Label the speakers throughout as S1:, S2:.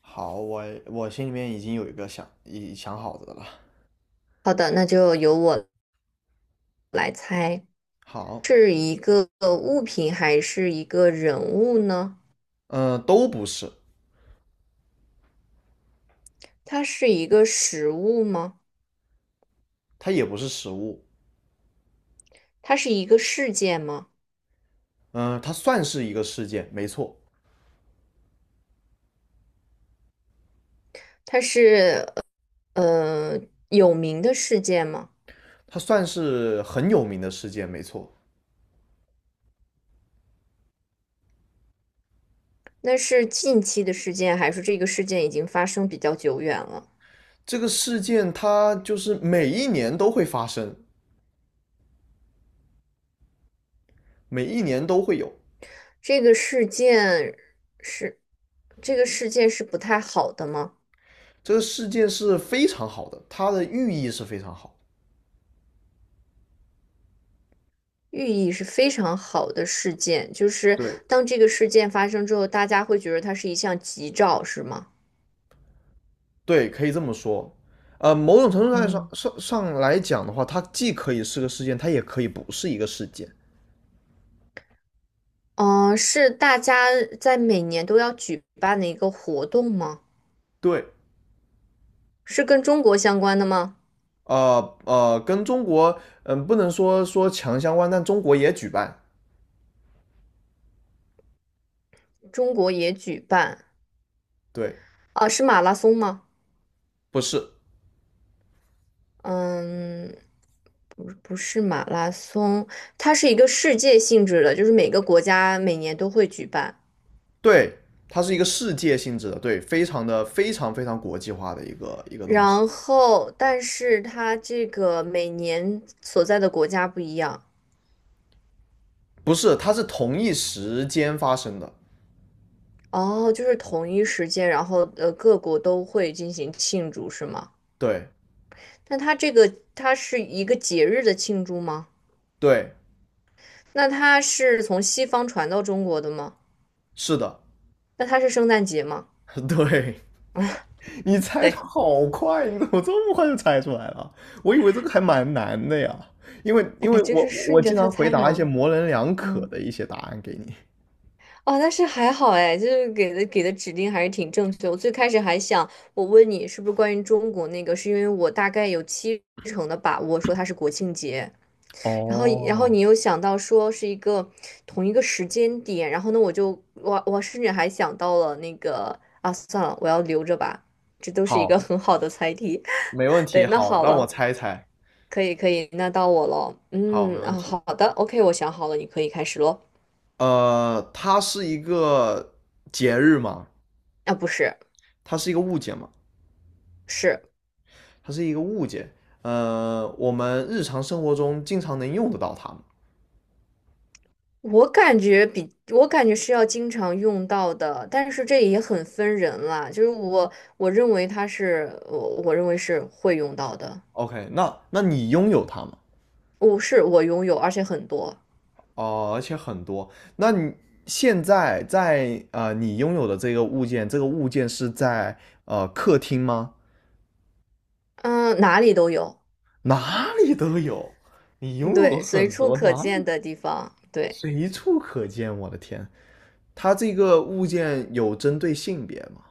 S1: 好，我心里面已经有一个想好的了。
S2: 好的，那就由我来猜，
S1: 好，
S2: 是一个物品还是一个人物呢？
S1: 都不是，
S2: 它是一个实物吗？
S1: 它也不是食物，
S2: 它是一个事件吗？
S1: 它算是一个事件，没错，
S2: 它是呃有名的事件吗？
S1: 它算是很有名的事件，没错。
S2: 那是近期的事件，还是这个事件已经发生比较久远了？
S1: 这个事件它就是每一年都会发生，每一年都会有。
S2: 这个事件是这个事件是不太好的吗？
S1: 这个事件是非常好的，它的寓意是非常好。
S2: 寓意是非常好的事件，就是
S1: 对
S2: 当这个事件发生之后，大家会觉得它是一项吉兆，是吗？
S1: 对，可以这么说。呃，某种程度上上
S2: 嗯，
S1: 上上来讲的话，它既可以是个事件，它也可以不是一个事件。
S2: 是大家在每年都要举办的一个活动吗？
S1: 对，
S2: 是跟中国相关的吗？
S1: 跟中国嗯不能说强相关，但中国也举办，
S2: 中国也举办
S1: 对，
S2: 啊，是马拉松吗？
S1: 不是，
S2: 嗯，不，不是马拉松，它是一个世界性质的，就是每个国家每年都会举办。
S1: 对，它是一个世界性质的，对，非常的非常非常国际化的一个东西，
S2: 然后，但是它这个每年所在的国家不一样
S1: 不是，它是同一时间发生的，
S2: 哦，就是同一时间，然后各国都会进行庆祝，是吗？
S1: 对
S2: 那它是一个节日的庆祝吗？
S1: 对，
S2: 那它是从西方传到中国的吗？
S1: 是的，
S2: 那它是圣诞节吗？
S1: 对，你猜的
S2: 对，
S1: 好快，你怎么这么快就猜出来了？我以为这个还蛮难的呀，因为
S2: 哎
S1: 因
S2: 呀，
S1: 为
S2: 就
S1: 我
S2: 是
S1: 我
S2: 顺
S1: 我
S2: 着
S1: 经
S2: 它
S1: 常回
S2: 猜
S1: 答一些
S2: 吗？
S1: 模棱两可
S2: 嗯。
S1: 的一些答案给你。
S2: 哦，但是还好哎，就是给的指令还是挺正确。我最开始还想，我问你是不是关于中国那个，是因为我大概有七成的把握说它是国庆节，然后
S1: 哦，
S2: 你又想到说是同一个时间点，然后呢我就我我甚至还想到了那个啊，算了，我要留着吧，这都是一个
S1: 好，
S2: 很好的猜题。
S1: 没问 题，
S2: 对，那
S1: 好，
S2: 好
S1: 让我
S2: 了，
S1: 猜一猜。
S2: 可以可以，那到我了。
S1: 好，没问题。
S2: 好的，OK，我想好了，你可以开始喽。
S1: 呃，它是一个节日嘛？
S2: 啊，不是，
S1: 它是一个物件嘛？
S2: 是。
S1: 它是一个物件。呃，我们日常生活中经常能用得到它吗
S2: 我感觉是要经常用到的，但是这也很分人啦。就是我认为它是我认为是会用到的，
S1: ？OK，那你拥有它吗？
S2: 我拥有，而且很多，
S1: 哦，而且很多。那你现在在呃，你拥有的这个物件，这个物件是在呃客厅吗？
S2: 嗯，哪里都有，
S1: 哪里都有，你
S2: 嗯
S1: 拥有
S2: 对，随
S1: 很
S2: 处
S1: 多，
S2: 可
S1: 哪
S2: 见
S1: 里
S2: 的地方，对，
S1: 随处可见。我的天！它这个物件有针对性别吗？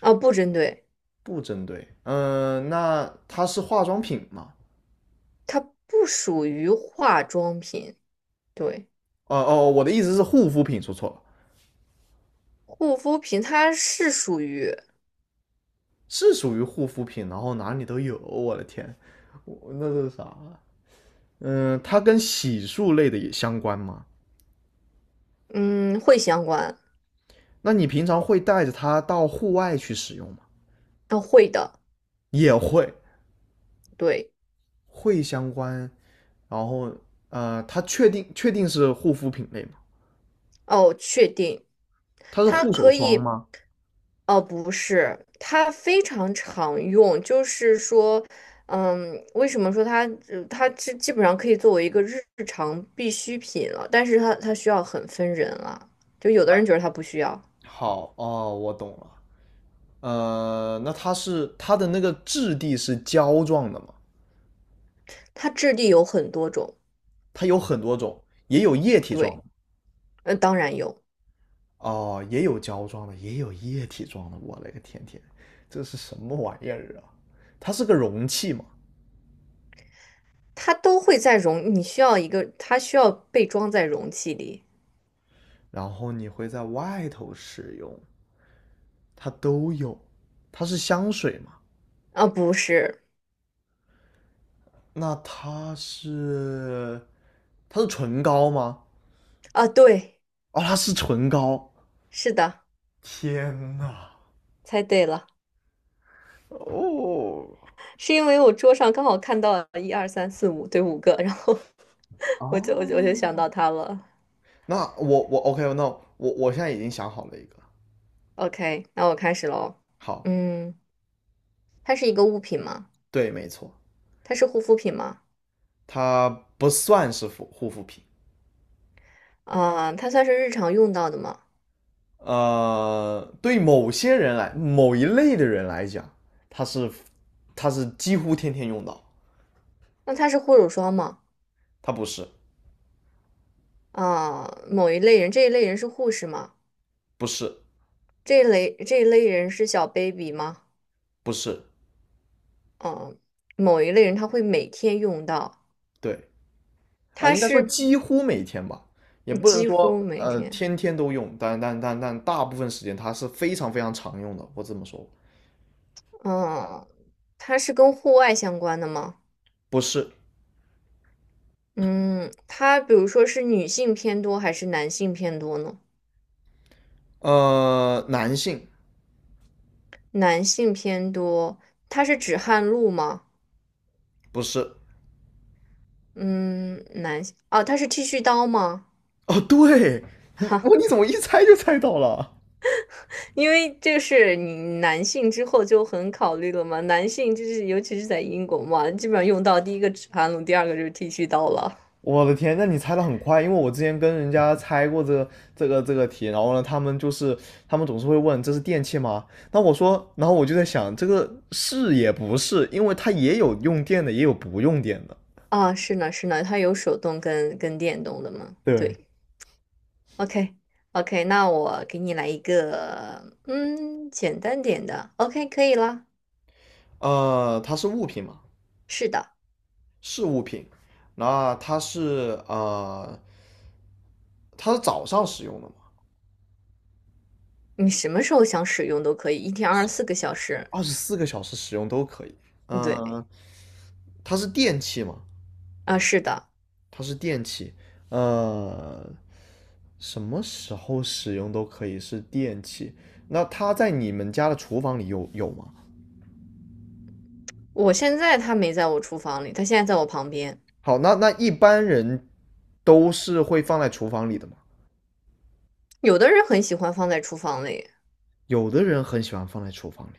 S2: 啊，不针对，
S1: 不针对。那它是化妆品吗？
S2: 它不属于化妆品，对，
S1: 哦，我的意思是护肤品，说错了，
S2: 护肤品它是属于
S1: 是属于护肤品，然后哪里都有。我的天，我那是啥？它跟洗漱类的也相关吗？
S2: 嗯会相关，
S1: 那你平常会带着它到户外去使用吗？
S2: 啊，会的，
S1: 也会，
S2: 对。
S1: 会相关。然后，呃，它确定是护肤品类吗？
S2: 哦，确定，
S1: 它是
S2: 它
S1: 护手
S2: 可
S1: 霜
S2: 以，
S1: 吗？
S2: 哦，不是，它非常常用，就是说，嗯，为什么说它，它基本上可以作为一个日常必需品了，但是它需要很分人啊，就有的
S1: 哎，
S2: 人觉得它不需要，
S1: 好哦，我懂了。呃，那它是它的那个质地是胶状的嘛？
S2: 它质地有很多种，
S1: 它有很多种，也有液体状
S2: 对，
S1: 的
S2: 当然有，
S1: 哦，也有胶状的，也有液体状的。我勒个天，这是什么玩意儿啊？它是个容器嘛，
S2: 它都会在容，你需要一个，它需要被装在容器里，
S1: 然后你会在外头使用，它都有。它是香水嘛？
S2: 啊，不是，
S1: 那它是它是唇膏吗？
S2: 啊，对，
S1: 哦，它是唇膏。
S2: 是的，
S1: 天呐！
S2: 猜对了。
S1: 哦
S2: 是因为我桌上刚好看到了一二三四五，对，五个，然后 我就想
S1: 哦。
S2: 到它了。
S1: 那我 OK，那我现在已经想好了一个，
S2: OK，那我开始喽。
S1: 好，
S2: 嗯，它是一个物品吗？
S1: 对，没错，
S2: 它是护肤品吗？
S1: 它不算是护肤品，
S2: 啊、它算是日常用到的吗？
S1: 呃，对某些人来，某一类的人来讲，它是它是几乎天天用到，
S2: 那它是护手霜吗？
S1: 它不是，
S2: 啊、某一类人，这一类人是护士吗？
S1: 不是，
S2: 这一类人是小 baby 吗？
S1: 不是，
S2: 嗯、某一类人他会每天用到，
S1: 对，啊、
S2: 它
S1: 应该说
S2: 是
S1: 几乎每天吧，也
S2: 嗯
S1: 不能
S2: 几乎
S1: 说
S2: 每
S1: 呃
S2: 天。
S1: 天天都用，但大部分时间它是非常非常常用的，我这么说，
S2: 嗯、它是跟户外相关的吗？
S1: 不是，
S2: 嗯，它比如说是女性偏多还是男性偏多呢？
S1: 呃，男性
S2: 男性偏多，它是止汗露吗？
S1: 不是。
S2: 嗯，男性，哦，它是剃须刀吗？
S1: 哦，对
S2: 哈，
S1: 你，你怎么一猜就猜到了？
S2: 因为这是你男性之后就很考虑了嘛，男性就是尤其是在英国嘛，基本上用到第一个止汗露，第二个就是剃须刀了。
S1: 我的天，那你猜的很快，因为我之前跟人家猜过这个题，然后呢，他们就是他们总是会问这是电器吗？那我说，然后我就在想，这个是也不是，因为它也有用电的，也有不用电的。
S2: 啊，是呢，是呢，它有手动跟电动的嘛？
S1: 对，
S2: 对，OK。OK，那我给你来一个，嗯，简单点的。OK，可以啦。
S1: 呃，它是物品嘛，
S2: 是的，
S1: 是物品。那它是呃，它是早上使用的嘛，
S2: 你什么时候想使用都可以，一天二十
S1: 是
S2: 四个小时。
S1: 24个小时使用都可以。
S2: 嗯对，
S1: 嗯、它是电器嘛，
S2: 啊，是的，
S1: 它是电器，呃，什么时候使用都可以是电器。那它在你们家的厨房里有吗？
S2: 我现在它没在我厨房里，它现在在我旁边。
S1: 好，那一般人都是会放在厨房里的嘛？
S2: 有的人很喜欢放在厨房里，
S1: 有的人很喜欢放在厨房里。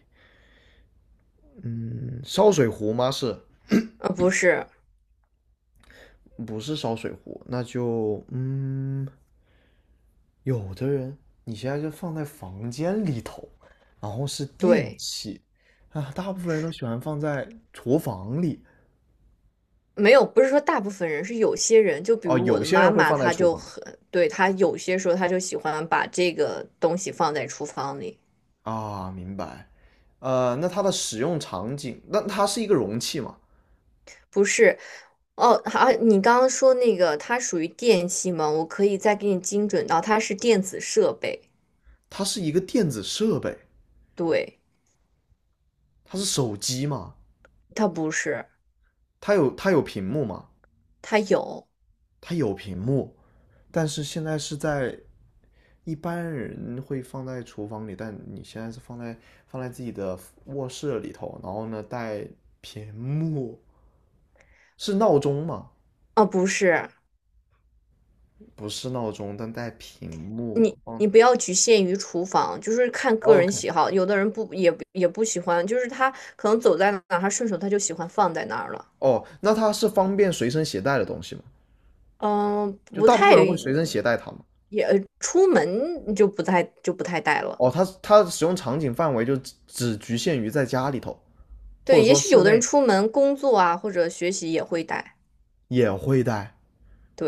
S1: 嗯，烧水壶吗？是
S2: 不是，
S1: 不是烧水壶？那就嗯，有的人你现在就放在房间里头，然后是电
S2: 对，
S1: 器啊，大部分人都喜欢放在厨房里。
S2: 没有，不是说大部分人，是有些人，就比
S1: 哦，
S2: 如我
S1: 有
S2: 的
S1: 些
S2: 妈
S1: 人会
S2: 妈，
S1: 放在
S2: 她
S1: 厨
S2: 就
S1: 房。
S2: 很，对，她有些时候她就喜欢把这个东西放在厨房里，
S1: 啊，明白。呃，那它的使用场景，那它是一个容器嘛？
S2: 不是。哦，好，你刚刚说那个它属于电器吗？我可以再给你精准到它是电子设备，
S1: 它是一个电子设备，
S2: 对，
S1: 它是手机嘛？
S2: 它不是。
S1: 它有它有屏幕嘛？
S2: 它有
S1: 它有屏幕，但是现在是在一般人会放在厨房里，但你现在是放在放在自己的卧室里头，然后呢带屏幕，是闹钟吗？
S2: 啊，不是
S1: 不是闹钟，但带屏
S2: 你，
S1: 幕。嗯
S2: 你不要局限于厨房，就是看个人
S1: ，OK，
S2: 喜好。有的人不喜欢，就是他可能走在哪儿，他顺手就喜欢放在那儿了。
S1: 哦，那它是方便随身携带的东西吗？
S2: 嗯，
S1: 就
S2: 不
S1: 大部分
S2: 太
S1: 人会随身携带它吗？
S2: 也出门就不太带了。
S1: 哦，它它的使用场景范围就只局限于在家里头，或者
S2: 对，也
S1: 说
S2: 许
S1: 室
S2: 有的人
S1: 内
S2: 出门工作啊或者学习也会带。
S1: 也会带。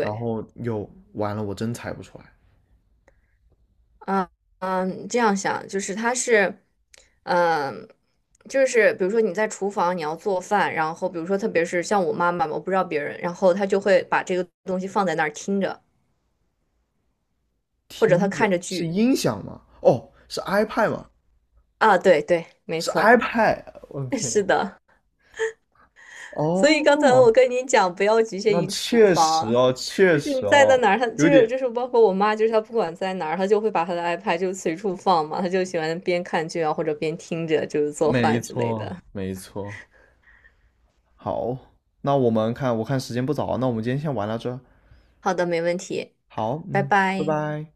S1: 然后又完了，我真猜不出来。
S2: 嗯嗯，这样想就是他是，嗯，就是比如说你在厨房你要做饭，然后比如说特别是像我妈妈嘛，我不知道别人，然后她就会把这个东西放在那儿听着，或者她
S1: 听着
S2: 看着
S1: 是
S2: 剧
S1: 音响吗？哦，是 iPad 吗？
S2: 啊，对对，没
S1: 是
S2: 错，
S1: iPad。我的
S2: 是
S1: 天！
S2: 的。所以刚才
S1: 哦，
S2: 我跟你讲，不要局限
S1: 那
S2: 于厨
S1: 确
S2: 房，
S1: 实哦，确
S2: 就是你
S1: 实
S2: 在
S1: 哦，
S2: 哪儿，她
S1: 有
S2: 就是
S1: 点。
S2: 就是包括我妈，就是她不管在哪儿，她就会把她的 iPad 就随处放嘛，她就喜欢边看剧啊或者边听着就是做
S1: 没
S2: 饭之类
S1: 错，
S2: 的。
S1: 没错。好，那我们看，我看时间不早啊，那我们今天先玩到这。
S2: 好的，没问题。
S1: 好，
S2: 拜
S1: 嗯，拜
S2: 拜。
S1: 拜。